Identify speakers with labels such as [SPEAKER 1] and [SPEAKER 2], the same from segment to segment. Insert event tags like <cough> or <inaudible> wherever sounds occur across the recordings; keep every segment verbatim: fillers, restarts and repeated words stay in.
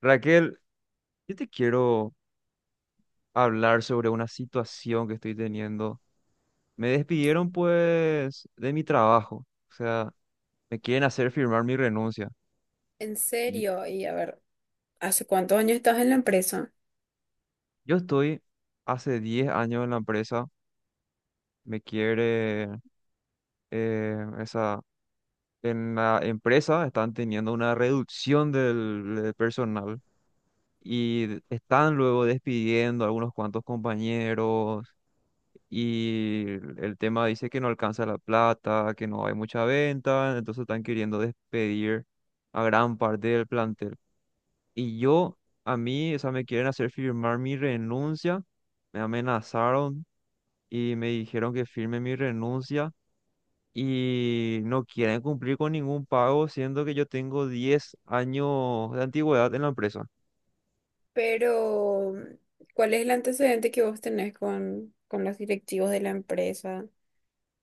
[SPEAKER 1] Raquel, yo te quiero hablar sobre una situación que estoy teniendo. Me despidieron pues de mi trabajo, o sea, me quieren hacer firmar mi renuncia.
[SPEAKER 2] En
[SPEAKER 1] Y
[SPEAKER 2] serio, y a ver, ¿hace cuántos años estás en la empresa?
[SPEAKER 1] yo estoy hace diez años en la empresa, me quiere eh, esa en la empresa están teniendo una reducción del, del personal y están luego despidiendo a algunos cuantos compañeros y el tema dice que no alcanza la plata, que no hay mucha venta, entonces están queriendo despedir a gran parte del plantel. Y yo, a mí, o sea, me quieren hacer firmar mi renuncia, me amenazaron y me dijeron que firme mi renuncia y no quieren cumplir con ningún pago, siendo que yo tengo diez años de antigüedad en la empresa.
[SPEAKER 2] Pero, ¿cuál es el antecedente que vos tenés con, con los directivos de la empresa?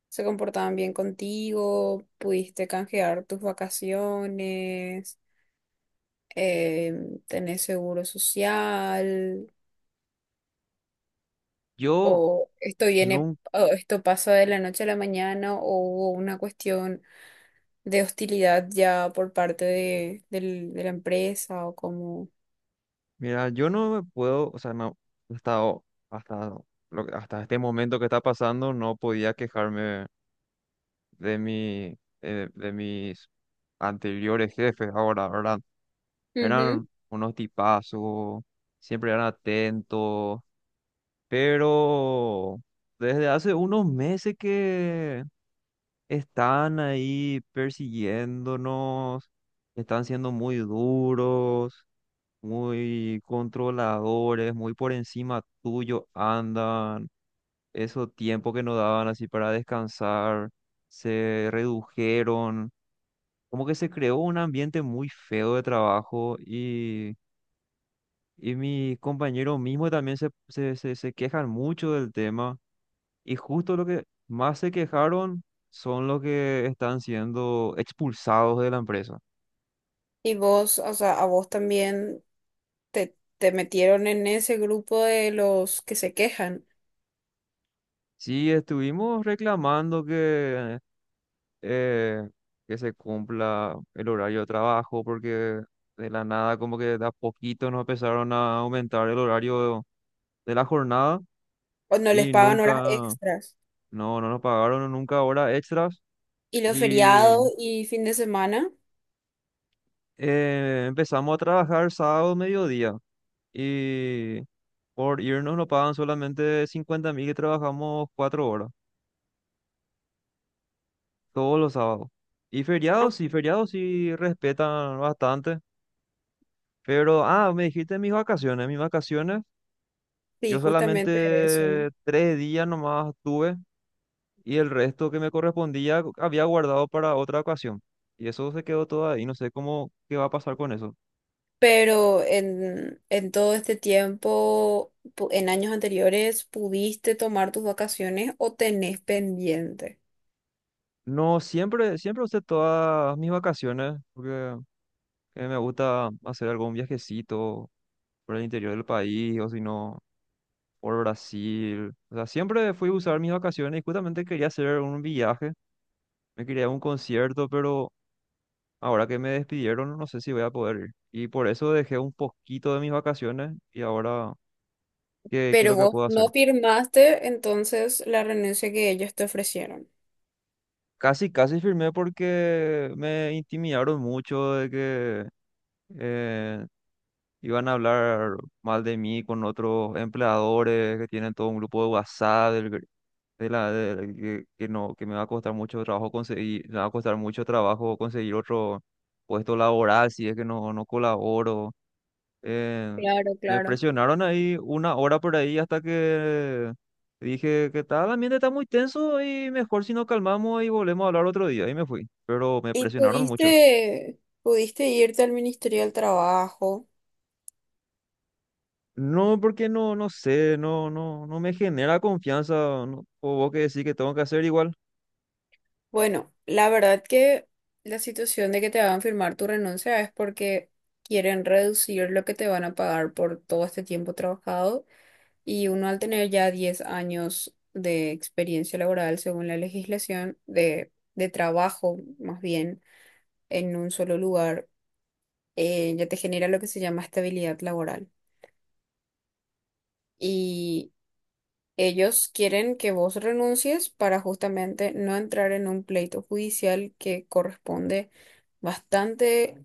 [SPEAKER 2] ¿Se comportaban bien contigo? ¿Pudiste canjear tus vacaciones? Em, ¿tenés seguro social?
[SPEAKER 1] Yo...
[SPEAKER 2] ¿O esto viene,
[SPEAKER 1] nunca.
[SPEAKER 2] o esto pasa de la noche a la mañana? ¿O hubo una cuestión de hostilidad ya por parte de, del- de la empresa? ¿O cómo?
[SPEAKER 1] Mira, yo no me puedo, o sea, no, hasta, o- hasta, lo hasta este momento que está pasando, no podía quejarme de mi, de, de mis anteriores jefes ahora, ¿verdad? Eran
[SPEAKER 2] Ujú.
[SPEAKER 1] unos tipazos, siempre eran atentos, pero desde hace unos meses que están ahí persiguiéndonos, están siendo muy duros, muy controladores, muy por encima tuyo andan. Esos tiempos que nos daban así para descansar se redujeron. Como que se creó un ambiente muy feo de trabajo y, y mis compañeros mismos también se, se, se, se quejan mucho del tema. Y justo lo que más se quejaron son los que están siendo expulsados de la empresa.
[SPEAKER 2] Y vos, o sea, a vos también te, te metieron en ese grupo de los que se quejan
[SPEAKER 1] Sí, estuvimos reclamando que eh, que se cumpla el horario de trabajo, porque de la nada, como que de a poquito nos empezaron a aumentar el horario de la jornada
[SPEAKER 2] o no les
[SPEAKER 1] y
[SPEAKER 2] pagan
[SPEAKER 1] nunca,
[SPEAKER 2] horas extras.
[SPEAKER 1] no, no nos pagaron nunca horas extras
[SPEAKER 2] Y los
[SPEAKER 1] y
[SPEAKER 2] feriados y fin de semana.
[SPEAKER 1] eh, empezamos a trabajar sábado mediodía y por irnos nos pagan solamente cincuenta mil y trabajamos cuatro horas todos los sábados. Y
[SPEAKER 2] Ah,
[SPEAKER 1] feriados, sí, feriados sí respetan bastante. Pero, ah, me dijiste mis vacaciones. Mis vacaciones...
[SPEAKER 2] sí,
[SPEAKER 1] Yo
[SPEAKER 2] justamente eso.
[SPEAKER 1] solamente tres días nomás tuve y el resto que me correspondía había guardado para otra ocasión. Y eso se quedó todo ahí, no sé cómo, qué va a pasar con eso.
[SPEAKER 2] Pero en, en todo este tiempo, pu- en años anteriores, pudiste tomar tus vacaciones o tenés pendiente.
[SPEAKER 1] No, siempre, siempre usé todas mis vacaciones porque eh, me gusta hacer algún viajecito por el interior del país o si no, por Brasil. O sea, siempre fui a usar mis vacaciones y justamente quería hacer un viaje, me quería ir a un concierto, pero ahora que me despidieron, no sé si voy a poder ir. Y por eso dejé un poquito de mis vacaciones y ahora, ¿qué, qué es
[SPEAKER 2] Pero
[SPEAKER 1] lo que
[SPEAKER 2] vos
[SPEAKER 1] puedo hacer?
[SPEAKER 2] no firmaste entonces la renuncia que ellos te ofrecieron.
[SPEAKER 1] Casi, casi firmé porque me intimidaron mucho de que eh, iban a hablar mal de mí con otros empleadores que tienen todo un grupo de WhatsApp del gr- de la, de- que, que no, que me va a costar mucho trabajo conseguir, me va a costar mucho trabajo conseguir otro puesto laboral si es que no, no colaboro. Eh,
[SPEAKER 2] Claro,
[SPEAKER 1] Me
[SPEAKER 2] claro.
[SPEAKER 1] presionaron ahí una hora por ahí hasta que dije que tal, el ambiente está muy tenso y mejor si nos calmamos y volvemos a hablar otro día. Y me fui, pero me
[SPEAKER 2] ¿Y
[SPEAKER 1] presionaron mucho.
[SPEAKER 2] pudiste, pudiste irte al Ministerio del Trabajo?
[SPEAKER 1] No, porque no, no sé, no, no, no me genera confianza, no, o vos que decís que tengo que hacer igual.
[SPEAKER 2] Bueno, la verdad que la situación de que te hagan firmar tu renuncia es porque quieren reducir lo que te van a pagar por todo este tiempo trabajado, y uno al tener ya diez años de experiencia laboral, según la legislación de, de trabajo, más bien, en un solo lugar, eh, ya te genera lo que se llama estabilidad laboral. Ellos quieren que vos renuncies para justamente no entrar en un pleito judicial que corresponde bastante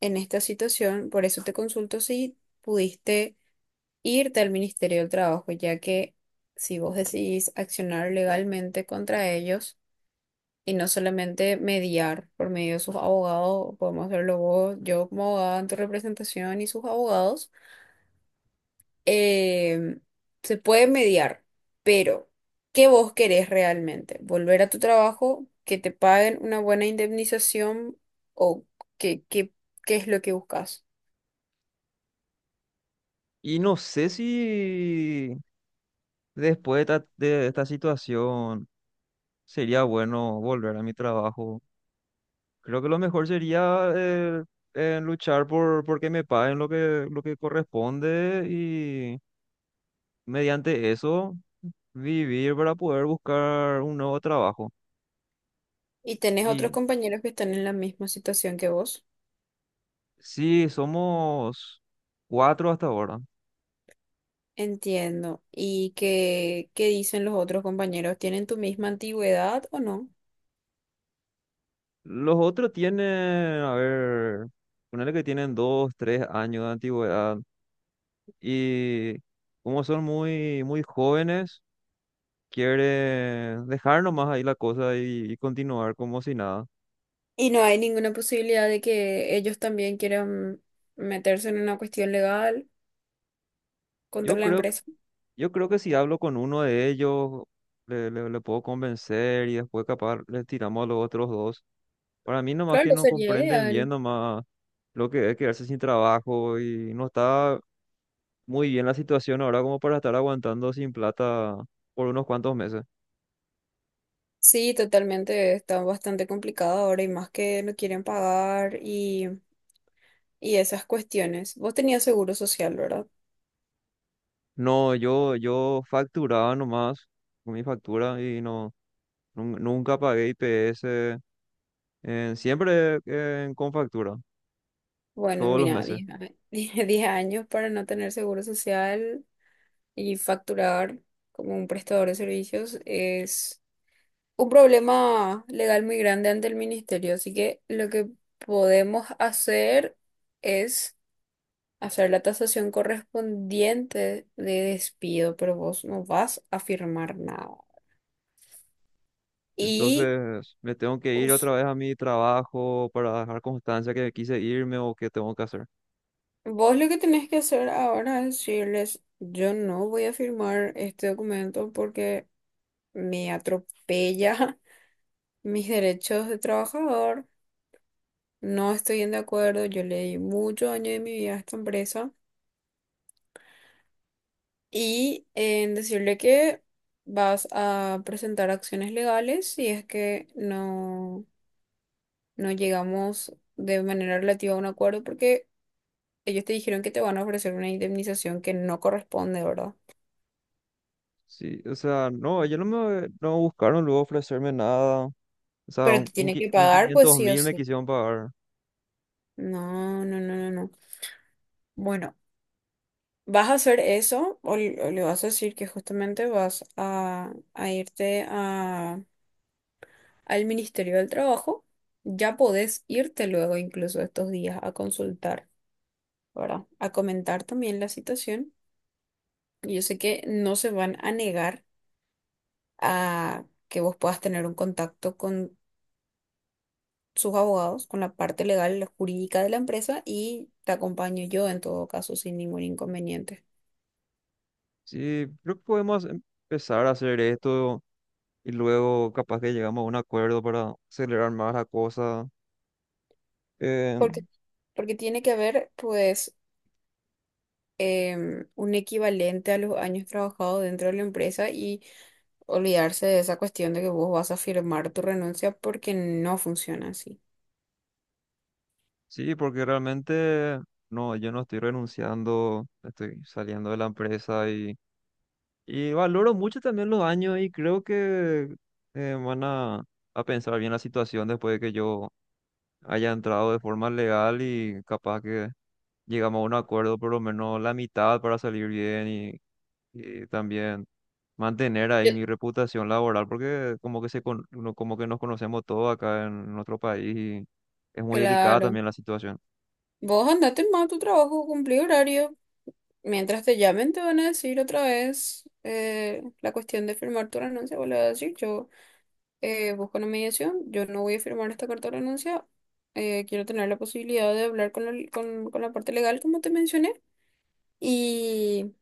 [SPEAKER 2] en esta situación. Por eso te consulto si pudiste irte al Ministerio del Trabajo, ya que, si vos decidís accionar legalmente contra ellos y no solamente mediar por medio de sus abogados, podemos hacerlo vos, yo como abogada en tu representación y sus abogados. eh, Se puede mediar, pero ¿qué vos querés realmente? ¿Volver a tu trabajo? ¿Que te paguen una buena indemnización? ¿O qué, qué, qué es lo que buscas?
[SPEAKER 1] Y no sé si después de esta, de esta situación sería bueno volver a mi trabajo. Creo que lo mejor sería eh, eh, luchar por por que me paguen lo que, lo que corresponde y mediante eso vivir para poder buscar un nuevo trabajo.
[SPEAKER 2] Y tenés otros
[SPEAKER 1] Y
[SPEAKER 2] compañeros que están en la misma situación que vos.
[SPEAKER 1] sí, somos cuatro hasta ahora.
[SPEAKER 2] Entiendo. ¿Y qué, qué dicen los otros compañeros? ¿Tienen tu misma antigüedad o no?
[SPEAKER 1] Los otros tienen, a ver, ponele que tienen dos, tres años de antigüedad y como son muy, muy jóvenes, quieren dejar nomás ahí la cosa y y continuar como si nada.
[SPEAKER 2] Y no hay ninguna posibilidad de que ellos también quieran meterse en una cuestión legal contra
[SPEAKER 1] Yo
[SPEAKER 2] la
[SPEAKER 1] creo
[SPEAKER 2] empresa.
[SPEAKER 1] Yo creo que si hablo con uno de ellos, le, le- le puedo convencer y después capaz le tiramos a los otros dos. Para mí nomás que
[SPEAKER 2] Claro,
[SPEAKER 1] no
[SPEAKER 2] sería
[SPEAKER 1] comprenden bien
[SPEAKER 2] ideal.
[SPEAKER 1] nomás lo que es quedarse sin trabajo y no está muy bien la situación ahora como para estar aguantando sin plata por unos cuantos meses.
[SPEAKER 2] Sí, totalmente, está bastante complicado ahora y más que no quieren pagar y, y esas cuestiones. Vos tenías seguro social, ¿verdad?
[SPEAKER 1] No, yo, yo facturaba nomás con mi factura y no, nun- nunca pagué I P S, eh, siempre eh, con factura,
[SPEAKER 2] Bueno,
[SPEAKER 1] todos los
[SPEAKER 2] mira,
[SPEAKER 1] meses.
[SPEAKER 2] diez, a- <laughs> 10 años para no tener seguro social y facturar como un prestador de servicios es un problema legal muy grande ante el ministerio. Así que lo que podemos hacer es hacer la tasación correspondiente de despido, pero vos no vas a firmar nada. Y
[SPEAKER 1] Entonces me tengo que ir
[SPEAKER 2] us-
[SPEAKER 1] otra vez a mi trabajo para dejar constancia que quise irme o que tengo que hacer.
[SPEAKER 2] vos lo que tenés que hacer ahora es decirles: yo no voy a firmar este documento porque me atropella <laughs> mis derechos de trabajador, no estoy en de acuerdo, yo le di muchos años de mi vida a esta empresa. Y en decirle que vas a presentar acciones legales si es que no, no llegamos de manera relativa a un acuerdo, porque ellos te dijeron que te van a ofrecer una indemnización que no corresponde, ¿verdad?
[SPEAKER 1] Sí, o sea, no, ellos no me no buscaron luego ofrecerme nada. O sea,
[SPEAKER 2] Pero
[SPEAKER 1] un,
[SPEAKER 2] te
[SPEAKER 1] un,
[SPEAKER 2] tiene que
[SPEAKER 1] qui- un
[SPEAKER 2] pagar, pues,
[SPEAKER 1] quinientos
[SPEAKER 2] sí o
[SPEAKER 1] mil me
[SPEAKER 2] sí.
[SPEAKER 1] quisieron pagar.
[SPEAKER 2] No, no, no, no, no. Bueno, vas a hacer eso, o, l- o le vas a decir que justamente vas a, a irte a, al Ministerio del Trabajo. Ya podés irte luego, incluso estos días, a consultar, ¿verdad? A comentar también la situación. Y Yo sé que no se van a negar a que vos puedas tener un contacto con sus abogados, con la parte legal, la jurídica de la empresa, y te acompaño yo en todo caso sin ningún inconveniente.
[SPEAKER 1] Sí, creo que podemos empezar a hacer esto y luego capaz que llegamos a un acuerdo para acelerar más la cosa. Eh,
[SPEAKER 2] Porque, porque tiene que haber, pues, em, un equivalente a los años trabajados dentro de la empresa y olvidarse de esa cuestión de que vos vas a firmar tu renuncia, porque no funciona así.
[SPEAKER 1] sí, porque realmente no, yo no estoy renunciando, estoy saliendo de la empresa y... Y valoro mucho también los años y creo que eh, van a, a pensar bien la situación después de que yo haya entrado de forma legal y capaz que llegamos a un acuerdo por lo menos la mitad para salir bien y, y también mantener ahí
[SPEAKER 2] Yo-
[SPEAKER 1] mi reputación laboral porque como que se con- no- como que nos conocemos todos acá en nuestro país y es muy delicada
[SPEAKER 2] Claro.
[SPEAKER 1] también la situación.
[SPEAKER 2] Vos andate más a tu trabajo, cumplí horario. Mientras te llamen, te van a decir otra vez, eh, la cuestión de firmar tu renuncia. Vos le vas a decir: yo, eh, busco una mediación, yo no voy a firmar esta carta de renuncia. eh, quiero tener la posibilidad de hablar con la, con, con la parte legal, como te mencioné. Y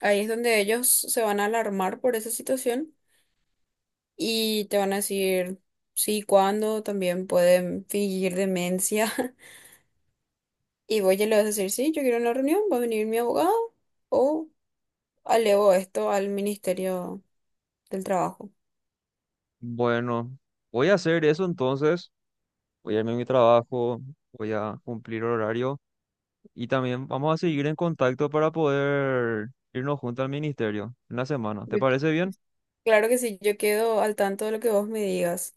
[SPEAKER 2] ahí es donde ellos se van a alarmar por esa situación y te van a decir: sí, ¿cuándo? También pueden fingir demencia. <laughs> Y vos ya le vas a decir: sí, yo quiero una reunión, va a venir mi abogado, o alevo esto al Ministerio del Trabajo.
[SPEAKER 1] Bueno, voy a hacer eso entonces, voy a irme a mi trabajo, voy a cumplir horario. Y también vamos a seguir en contacto para poder irnos juntos al ministerio en la semana. ¿Te
[SPEAKER 2] Yo-
[SPEAKER 1] parece bien?
[SPEAKER 2] Claro que sí, yo quedo al tanto de lo que vos me digas.